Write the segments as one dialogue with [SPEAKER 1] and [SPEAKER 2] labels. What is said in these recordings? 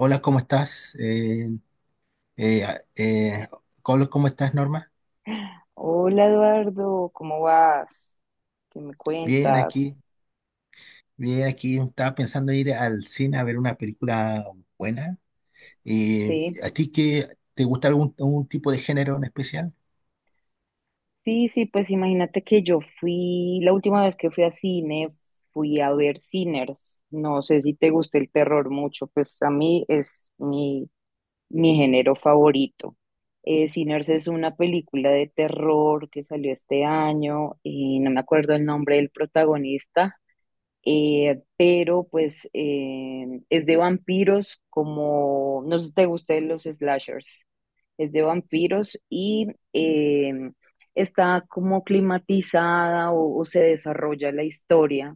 [SPEAKER 1] Hola, ¿cómo estás? Eh, a- eh, Colo, ¿cómo estás, Norma?
[SPEAKER 2] Hola Eduardo, ¿cómo vas? ¿Qué me
[SPEAKER 1] Bien aquí,
[SPEAKER 2] cuentas?
[SPEAKER 1] bien aquí. Estaba pensando ir al cine a ver una película buena.
[SPEAKER 2] Sí,
[SPEAKER 1] ¿A ti qué te gusta algún tipo de género en especial?
[SPEAKER 2] sí, sí, pues imagínate que la última vez que fui a cine, fui a ver Sinners. No sé si te gusta el terror mucho, pues a mí es mi género favorito. Sinners es una película de terror que salió este año y no me acuerdo el nombre del protagonista, pero pues es de vampiros, como, no sé si te gustan los slashers, es de vampiros y eh, está como climatizada, o se desarrolla la historia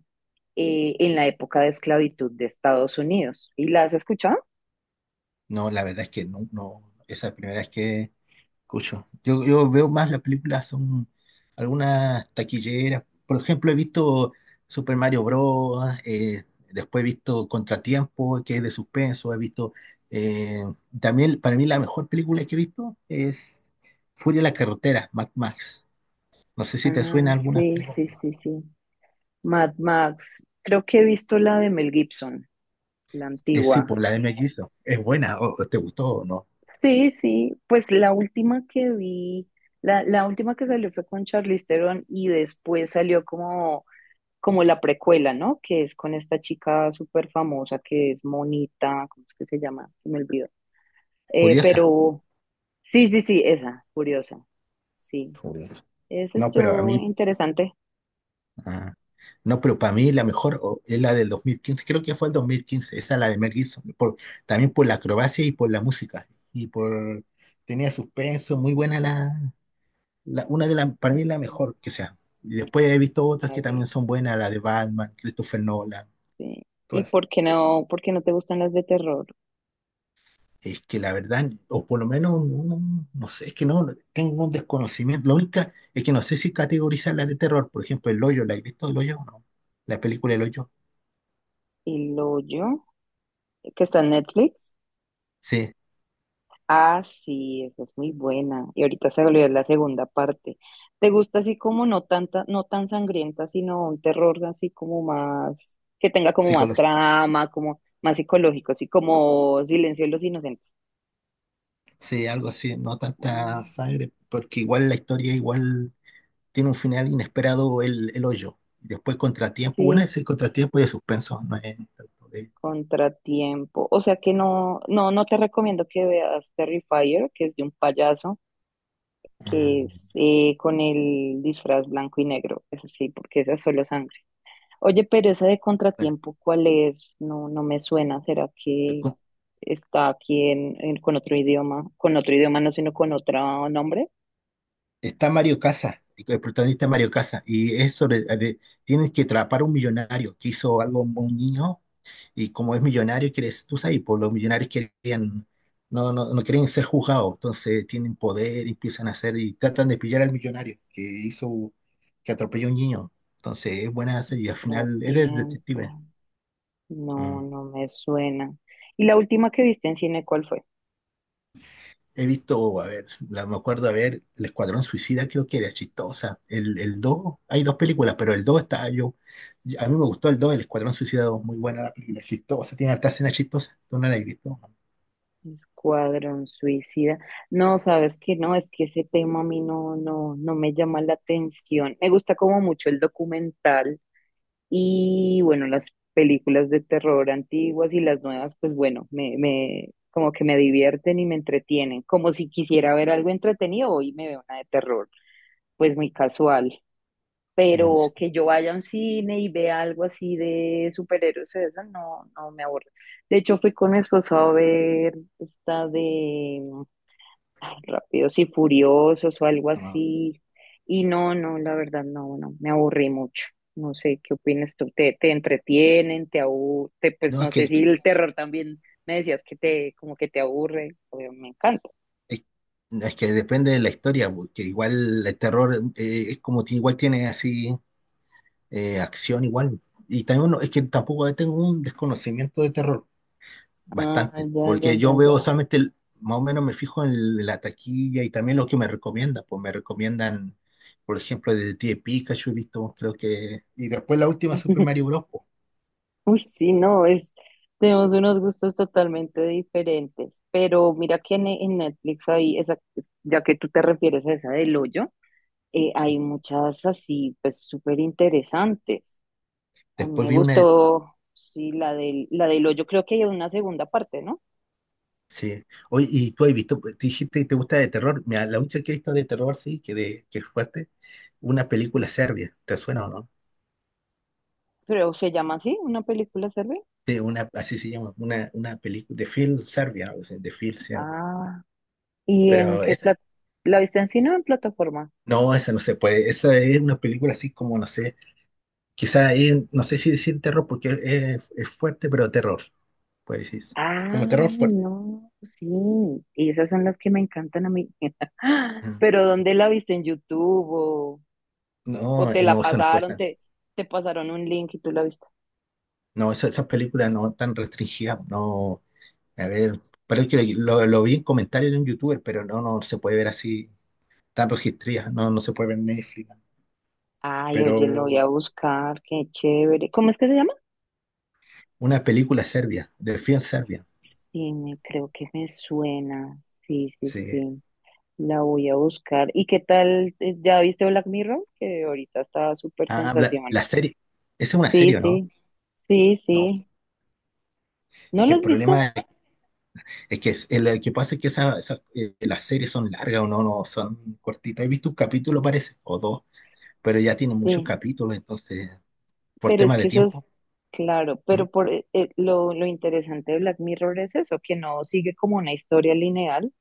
[SPEAKER 2] en la época de esclavitud de Estados Unidos. ¿Y la has escuchado?
[SPEAKER 1] No, la verdad es que no, no. Esa es la primera vez escucho. Yo veo más las películas, son algunas taquilleras. Por ejemplo, he visto Super Mario Bros., después he visto Contratiempo, que es de suspenso. He visto, eh, también, para mí, la mejor película que he visto es Furia en la Carretera, Mad Max. No sé si te
[SPEAKER 2] Ah,
[SPEAKER 1] suena algunas
[SPEAKER 2] sí,
[SPEAKER 1] películas,
[SPEAKER 2] sí,
[SPEAKER 1] ¿no?
[SPEAKER 2] sí, sí. Mad Max. Creo que he visto la de Mel Gibson, la
[SPEAKER 1] Sí,
[SPEAKER 2] antigua.
[SPEAKER 1] por la de Mel Gibson. Es buena, o ¿te gustó o no?
[SPEAKER 2] Sí, sí, pues la última que salió fue con Charlize Theron, y después salió como la precuela, ¿no? Que es con esta chica súper famosa que es Monita. ¿Cómo es que se llama? Se me olvidó.
[SPEAKER 1] Furiosa.
[SPEAKER 2] Pero sí, sí, sí, esa, curiosa, sí.
[SPEAKER 1] Furioso.
[SPEAKER 2] Esa
[SPEAKER 1] No, pero a
[SPEAKER 2] estuvo
[SPEAKER 1] mí,
[SPEAKER 2] interesante.
[SPEAKER 1] ah, no, pero para mí la mejor es la del 2015, creo que fue el 2015, esa, la de Mel Gibson, también por la acrobacia y por la música, y por, tenía suspenso, muy buena una de las, para mí la mejor que sea. Y después he visto otras que también
[SPEAKER 2] Vale,
[SPEAKER 1] son buenas, la de Batman, Christopher Nolan,
[SPEAKER 2] sí. ¿Y
[SPEAKER 1] todas.
[SPEAKER 2] por qué no te gustan las de terror?
[SPEAKER 1] Es que la verdad, o por lo menos, no, no sé, es que no, tengo un desconocimiento. Lo único es que no sé si categorizar la de terror, por ejemplo, El Hoyo. ¿La he visto El Hoyo o no? La película El Hoyo,
[SPEAKER 2] ¿Y lo yo? ¿Que está en Netflix?
[SPEAKER 1] sí,
[SPEAKER 2] Ah, sí, esa es muy buena. Y ahorita se volvió la segunda parte. ¿Te gusta así como no tanta, no tan sangrienta, sino un terror así como más, que tenga como más
[SPEAKER 1] psicológica.
[SPEAKER 2] trama, como más psicológico, así como Silencio de los Inocentes?
[SPEAKER 1] Sí, algo así, no tanta
[SPEAKER 2] Mm,
[SPEAKER 1] sangre, porque igual la historia igual tiene un final inesperado, el hoyo. Y después contratiempo, bueno,
[SPEAKER 2] sí,
[SPEAKER 1] es el contratiempo y el suspenso, no es tanto de-
[SPEAKER 2] Contratiempo. O sea que no, no, no te recomiendo que veas Terrifier, que es de un payaso,
[SPEAKER 1] Ah,
[SPEAKER 2] que es con el disfraz blanco y negro. Eso sí, porque esa es solo sangre. Oye, pero esa de
[SPEAKER 1] bueno,
[SPEAKER 2] Contratiempo, ¿cuál es? No, no me suena. ¿Será
[SPEAKER 1] y
[SPEAKER 2] que está aquí con otro idioma? Con otro idioma no, sino con otro nombre.
[SPEAKER 1] está Mario Casas, y el protagonista es Mario Casas, y es tienes que atrapar a un millonario que hizo algo a un niño. Y como es millonario, quiere, tú sabes, pues los millonarios querían, no, no, no quieren ser juzgados, entonces tienen poder, empiezan a hacer y tratan de pillar al millonario que hizo, que atropelló a un niño. Entonces es buena esa y al final es de detective.
[SPEAKER 2] Contratiempo. No,
[SPEAKER 1] Mm.
[SPEAKER 2] no me suena. ¿Y la última que viste en cine, cuál fue?
[SPEAKER 1] He visto, a ver, me acuerdo, a ver, El Escuadrón Suicida, creo que era chistosa. El dos, hay dos películas, pero el 2 está yo. A mí me gustó el dos, El Escuadrón Suicida dos, muy buena la película, chistosa, tiene harta escena chistosa. ¿Tú no la has visto?
[SPEAKER 2] Escuadrón Suicida. No, sabes que no, es que ese tema a mí no, no me llama la atención. Me gusta como mucho el documental. Y bueno, las películas de terror antiguas y las nuevas, pues bueno, me como que me divierten y me entretienen, como si quisiera ver algo entretenido, hoy me veo una de terror, pues muy casual.
[SPEAKER 1] Mm.
[SPEAKER 2] Pero
[SPEAKER 1] Sí.
[SPEAKER 2] que yo vaya a un cine y vea algo así de superhéroes, eso no, no me aburre. De hecho, fui con mi esposo a ver esta de ay, Rápidos y Furiosos o algo
[SPEAKER 1] No,
[SPEAKER 2] así, y no, no, la verdad, no, no, me aburrí mucho. No sé, ¿qué opinas tú? ¿Te entretienen? ¿Te aburre? Pues
[SPEAKER 1] no,
[SPEAKER 2] no sé si el terror también me decías que como que te aburre. Obvio, me encanta.
[SPEAKER 1] Es es que depende de la historia, porque igual el terror, es como que igual tiene así acción igual. Y también es que tampoco tengo un desconocimiento de terror,
[SPEAKER 2] Ah,
[SPEAKER 1] bastante,
[SPEAKER 2] ya, ya,
[SPEAKER 1] porque
[SPEAKER 2] ya,
[SPEAKER 1] yo veo
[SPEAKER 2] ya.
[SPEAKER 1] solamente, más o menos me fijo en la taquilla y también lo que me recomiendan, pues me recomiendan, por ejemplo, de Pie Pikachu, he visto, creo que. Y después la última Super Mario Bros., pues.
[SPEAKER 2] Uy, sí, no, es, tenemos unos gustos totalmente diferentes, pero mira que en Netflix hay esa, ya que tú te refieres a esa del hoyo, hay muchas así, pues súper interesantes. A mí
[SPEAKER 1] Después
[SPEAKER 2] me
[SPEAKER 1] vi una de-.
[SPEAKER 2] gustó, sí, la del hoyo. Creo que hay una segunda parte, ¿no?
[SPEAKER 1] Sí. Oye, y tú has visto, te dijiste que te gusta de terror. Mira, la única que he visto de terror, sí, que, de, que es fuerte, una película serbia. ¿Te suena o no?
[SPEAKER 2] Pero se llama así, ¿una película sirve?
[SPEAKER 1] De una, así se llama, una película de film serbia, algo así, de film serbia.
[SPEAKER 2] Ah, ¿y en
[SPEAKER 1] Pero
[SPEAKER 2] qué plata? ¿La viste en cine o en plataforma?
[SPEAKER 1] esa no se puede, esa es una película así como, no sé, quizá no sé si decir terror porque es fuerte, pero terror, puede decirse,
[SPEAKER 2] Ah,
[SPEAKER 1] como terror fuerte.
[SPEAKER 2] no, sí. Y esas son las que me encantan a mí.
[SPEAKER 1] Ajá.
[SPEAKER 2] Pero ¿dónde la viste? ¿En YouTube? O
[SPEAKER 1] No,
[SPEAKER 2] te la
[SPEAKER 1] no, eso no
[SPEAKER 2] pasaron?
[SPEAKER 1] cuesta.
[SPEAKER 2] Te pasaron un link y tú la viste.
[SPEAKER 1] No, esas películas no tan restringidas, no, a ver, pero es que lo vi en comentarios de un youtuber, pero no, no se puede ver así, tan registradas, no, no se puede ver en Netflix, ¿no?
[SPEAKER 2] Ay,
[SPEAKER 1] Pero
[SPEAKER 2] oye, lo voy a buscar. Qué chévere. ¿Cómo es que se llama?
[SPEAKER 1] una película serbia, de film serbia.
[SPEAKER 2] Sí, me, creo que me suena. Sí, sí,
[SPEAKER 1] Sí.
[SPEAKER 2] sí. La voy a buscar. ¿Y qué tal? ¿Ya viste Black Mirror? Que ahorita está súper
[SPEAKER 1] Ah, la,
[SPEAKER 2] sensación.
[SPEAKER 1] la serie. Esa es una
[SPEAKER 2] Sí,
[SPEAKER 1] serie, ¿o no?
[SPEAKER 2] sí. Sí,
[SPEAKER 1] No,
[SPEAKER 2] sí. ¿No
[SPEAKER 1] es que
[SPEAKER 2] la
[SPEAKER 1] el
[SPEAKER 2] has visto?
[SPEAKER 1] problema es que lo que pasa es que las series son largas, o no, no son cortitas. He visto un capítulo, parece, o dos, pero ya tienen muchos
[SPEAKER 2] Sí.
[SPEAKER 1] capítulos, entonces, por
[SPEAKER 2] Pero es
[SPEAKER 1] tema
[SPEAKER 2] que
[SPEAKER 1] de
[SPEAKER 2] eso es
[SPEAKER 1] tiempo.
[SPEAKER 2] claro,
[SPEAKER 1] ¿Mm?
[SPEAKER 2] pero por lo interesante de Black Mirror es eso, que no sigue como una historia lineal,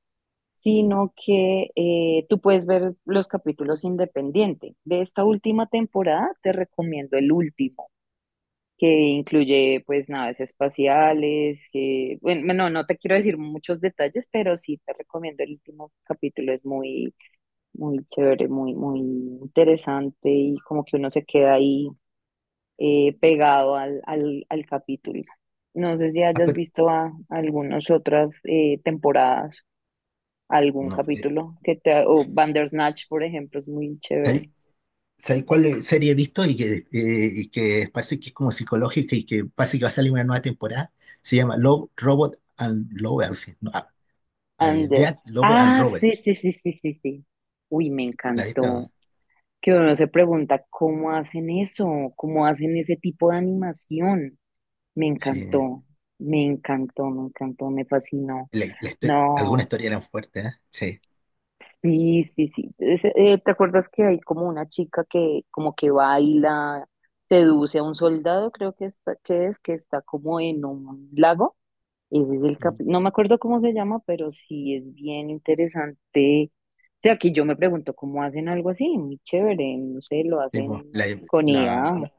[SPEAKER 2] sino que tú puedes ver los capítulos independiente. De esta última temporada te recomiendo el último, que incluye pues naves espaciales, que, bueno, no, no te quiero decir muchos detalles, pero sí te recomiendo el último capítulo, es muy, muy chévere, muy, muy interesante y como que uno se queda ahí pegado al capítulo. No sé si
[SPEAKER 1] Ah,
[SPEAKER 2] hayas
[SPEAKER 1] pero
[SPEAKER 2] visto a algunas otras temporadas, algún
[SPEAKER 1] no.
[SPEAKER 2] capítulo que te, o Bandersnatch, por ejemplo, es muy
[SPEAKER 1] ¿Sabes
[SPEAKER 2] chévere.
[SPEAKER 1] sabes cuál serie he visto y y que parece que es como psicológica y que parece que va a salir una nueva temporada? Se llama Love, Robot and Love, algo así. No,
[SPEAKER 2] And the-
[SPEAKER 1] Death, Love and
[SPEAKER 2] ah,
[SPEAKER 1] Robot.
[SPEAKER 2] sí, sí, sí, sí, sí, sí. Uy, me
[SPEAKER 1] ¿La has
[SPEAKER 2] encantó.
[SPEAKER 1] visto?
[SPEAKER 2] Que uno se pregunta cómo hacen eso, cómo hacen ese tipo de animación. Me
[SPEAKER 1] Sí.
[SPEAKER 2] encantó, me encantó, me encantó, me fascinó.
[SPEAKER 1] Alguna
[SPEAKER 2] No.
[SPEAKER 1] historia eran fuertes, ¿eh? Sí.
[SPEAKER 2] Sí, sí, sí. ¿Te acuerdas que hay como una chica que como que baila, seduce a un soldado, creo que está, que es, que está como en un lago? Ese es
[SPEAKER 1] Mm.
[SPEAKER 2] no me acuerdo cómo se llama, pero sí es bien interesante. O sea, que yo me pregunto cómo hacen algo así, muy chévere, no sé, lo
[SPEAKER 1] Sí,
[SPEAKER 2] hacen
[SPEAKER 1] pues,
[SPEAKER 2] con IA.
[SPEAKER 1] bueno,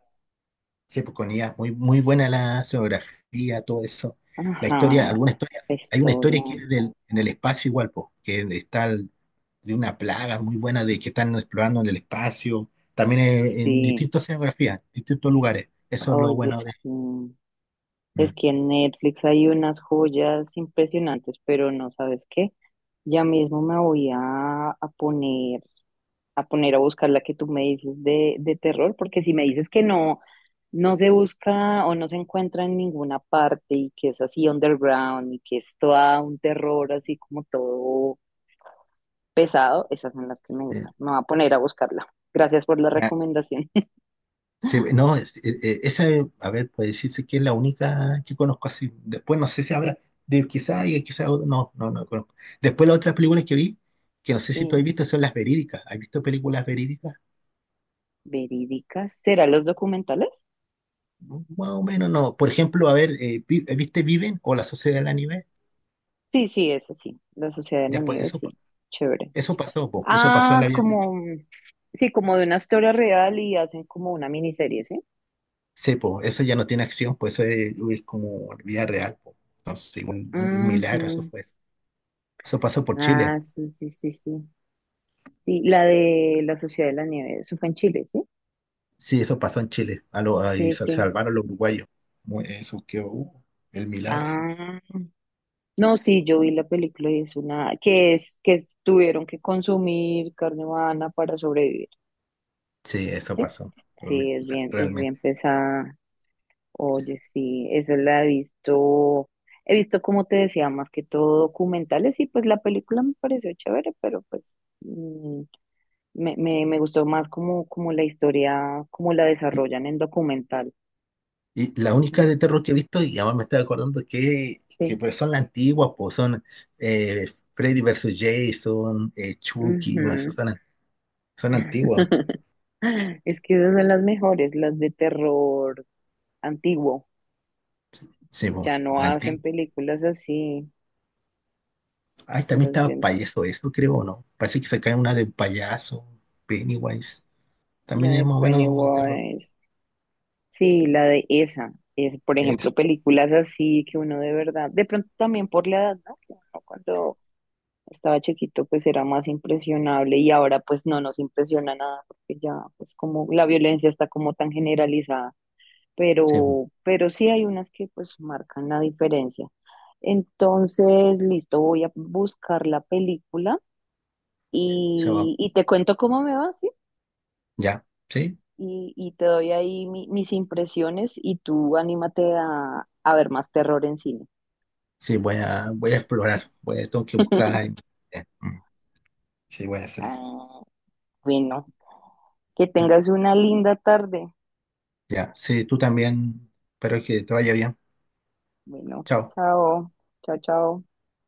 [SPEAKER 1] sí, pues, con IA, muy, muy buena la geografía, todo eso. La
[SPEAKER 2] Ajá,
[SPEAKER 1] historia, alguna historia,
[SPEAKER 2] la
[SPEAKER 1] hay una
[SPEAKER 2] historia,
[SPEAKER 1] historia que es en el espacio igual, pues, que está de una plaga muy buena de que están explorando en el espacio, también en
[SPEAKER 2] sí.
[SPEAKER 1] distintas geografías, distintos lugares. Eso es lo
[SPEAKER 2] Oye,
[SPEAKER 1] bueno de.
[SPEAKER 2] sí. Es
[SPEAKER 1] Mm.
[SPEAKER 2] que en Netflix hay unas joyas impresionantes, pero no sabes qué. Ya mismo a poner, a poner a buscar la que tú me dices de terror, porque si me dices que no, no se busca o no se encuentra en ninguna parte y que es así underground y que es toda un terror así como todo pesado, esas son las que me gustan. Me voy a poner a buscarla. Gracias por la
[SPEAKER 1] Eh,
[SPEAKER 2] recomendación.
[SPEAKER 1] Sí, no, a ver, puede decirse que es la única que conozco así. Después no sé si habrá, quizá y quizá otra, no, no, no conozco. Después las otras películas que vi, que no sé si tú has
[SPEAKER 2] Sí,
[SPEAKER 1] visto, son las verídicas. ¿Has visto películas verídicas?
[SPEAKER 2] verídicas. ¿Será los documentales?
[SPEAKER 1] Más o menos no. Por ejemplo, a ver, ¿viste Viven o La Sociedad de la Nieve?
[SPEAKER 2] Sí, sí, es así. La Sociedad de la
[SPEAKER 1] Ya pues
[SPEAKER 2] Nieve,
[SPEAKER 1] eso,
[SPEAKER 2] sí. Chévere.
[SPEAKER 1] eso pasó, po, eso pasó en
[SPEAKER 2] Ah,
[SPEAKER 1] la vida real.
[SPEAKER 2] como, sí, como de una historia real, y hacen como una miniserie, ¿sí?
[SPEAKER 1] Sí, po, eso ya no tiene acción, pues eso es como vida real, po. Entonces, igual, un milagro, eso
[SPEAKER 2] Ujú.
[SPEAKER 1] fue. Eso pasó por
[SPEAKER 2] Ah,
[SPEAKER 1] Chile.
[SPEAKER 2] sí, sí, sí, sí. Sí, la de la Sociedad de la Nieve, eso fue en Chile, ¿sí?
[SPEAKER 1] Sí, eso pasó en Chile. Ahí
[SPEAKER 2] Sí,
[SPEAKER 1] se
[SPEAKER 2] sí.
[SPEAKER 1] salvaron los uruguayos. Eso que el milagro fue.
[SPEAKER 2] Ah, no, sí, yo vi la película y es una, que es- tuvieron que consumir carne humana para sobrevivir,
[SPEAKER 1] Sí, eso
[SPEAKER 2] ¿sí?
[SPEAKER 1] pasó
[SPEAKER 2] Sí,
[SPEAKER 1] realmente,
[SPEAKER 2] es bien
[SPEAKER 1] realmente.
[SPEAKER 2] pesada. Oye, sí, eso la he visto, he visto, como te decía, más que todo documentales, y pues la película me pareció chévere, pero pues mm, me gustó más como, como la historia, como la
[SPEAKER 1] Y,
[SPEAKER 2] desarrollan en documental.
[SPEAKER 1] la única
[SPEAKER 2] Mm,
[SPEAKER 1] de terror que he visto, y además me estoy acordando que,
[SPEAKER 2] sí.
[SPEAKER 1] pues son las antiguas, pues son eh, Freddy versus Jason, Chucky, no, esas
[SPEAKER 2] Ujú.
[SPEAKER 1] son, antiguas.
[SPEAKER 2] Es que esas son las mejores, las de terror antiguo.
[SPEAKER 1] Sí, pues,
[SPEAKER 2] Ya no
[SPEAKER 1] la
[SPEAKER 2] hacen
[SPEAKER 1] antigua.
[SPEAKER 2] películas así,
[SPEAKER 1] Ay, también
[SPEAKER 2] las
[SPEAKER 1] estaba
[SPEAKER 2] de,
[SPEAKER 1] payaso, eso creo, ¿o no? Parece que sacaron una de un payaso, Pennywise.
[SPEAKER 2] la
[SPEAKER 1] También es
[SPEAKER 2] de
[SPEAKER 1] más o menos de terror.
[SPEAKER 2] Pennywise. Sí, la de esa. Es, por
[SPEAKER 1] Es,
[SPEAKER 2] ejemplo, películas así que uno de verdad, de pronto también por la edad, ¿no? Que uno cuando estaba chiquito pues era más impresionable, y ahora pues no nos impresiona nada, porque ya pues como la violencia está como tan generalizada,
[SPEAKER 1] sí, pues,
[SPEAKER 2] pero sí hay unas que pues marcan la diferencia. Entonces, listo, voy a buscar la película
[SPEAKER 1] se va.
[SPEAKER 2] y te cuento cómo me va, ¿sí?
[SPEAKER 1] Ya, sí.
[SPEAKER 2] Y, y te doy ahí mis impresiones, y tú anímate a ver más terror en cine.
[SPEAKER 1] Sí, voy a explorar, tengo que buscar en internet. Mm, sí, voy a hacerlo.
[SPEAKER 2] Ah, bueno, que tengas una linda tarde.
[SPEAKER 1] Ya, sí, tú también. Espero que te vaya bien.
[SPEAKER 2] Bueno,
[SPEAKER 1] Chao.
[SPEAKER 2] chao, chao, chao.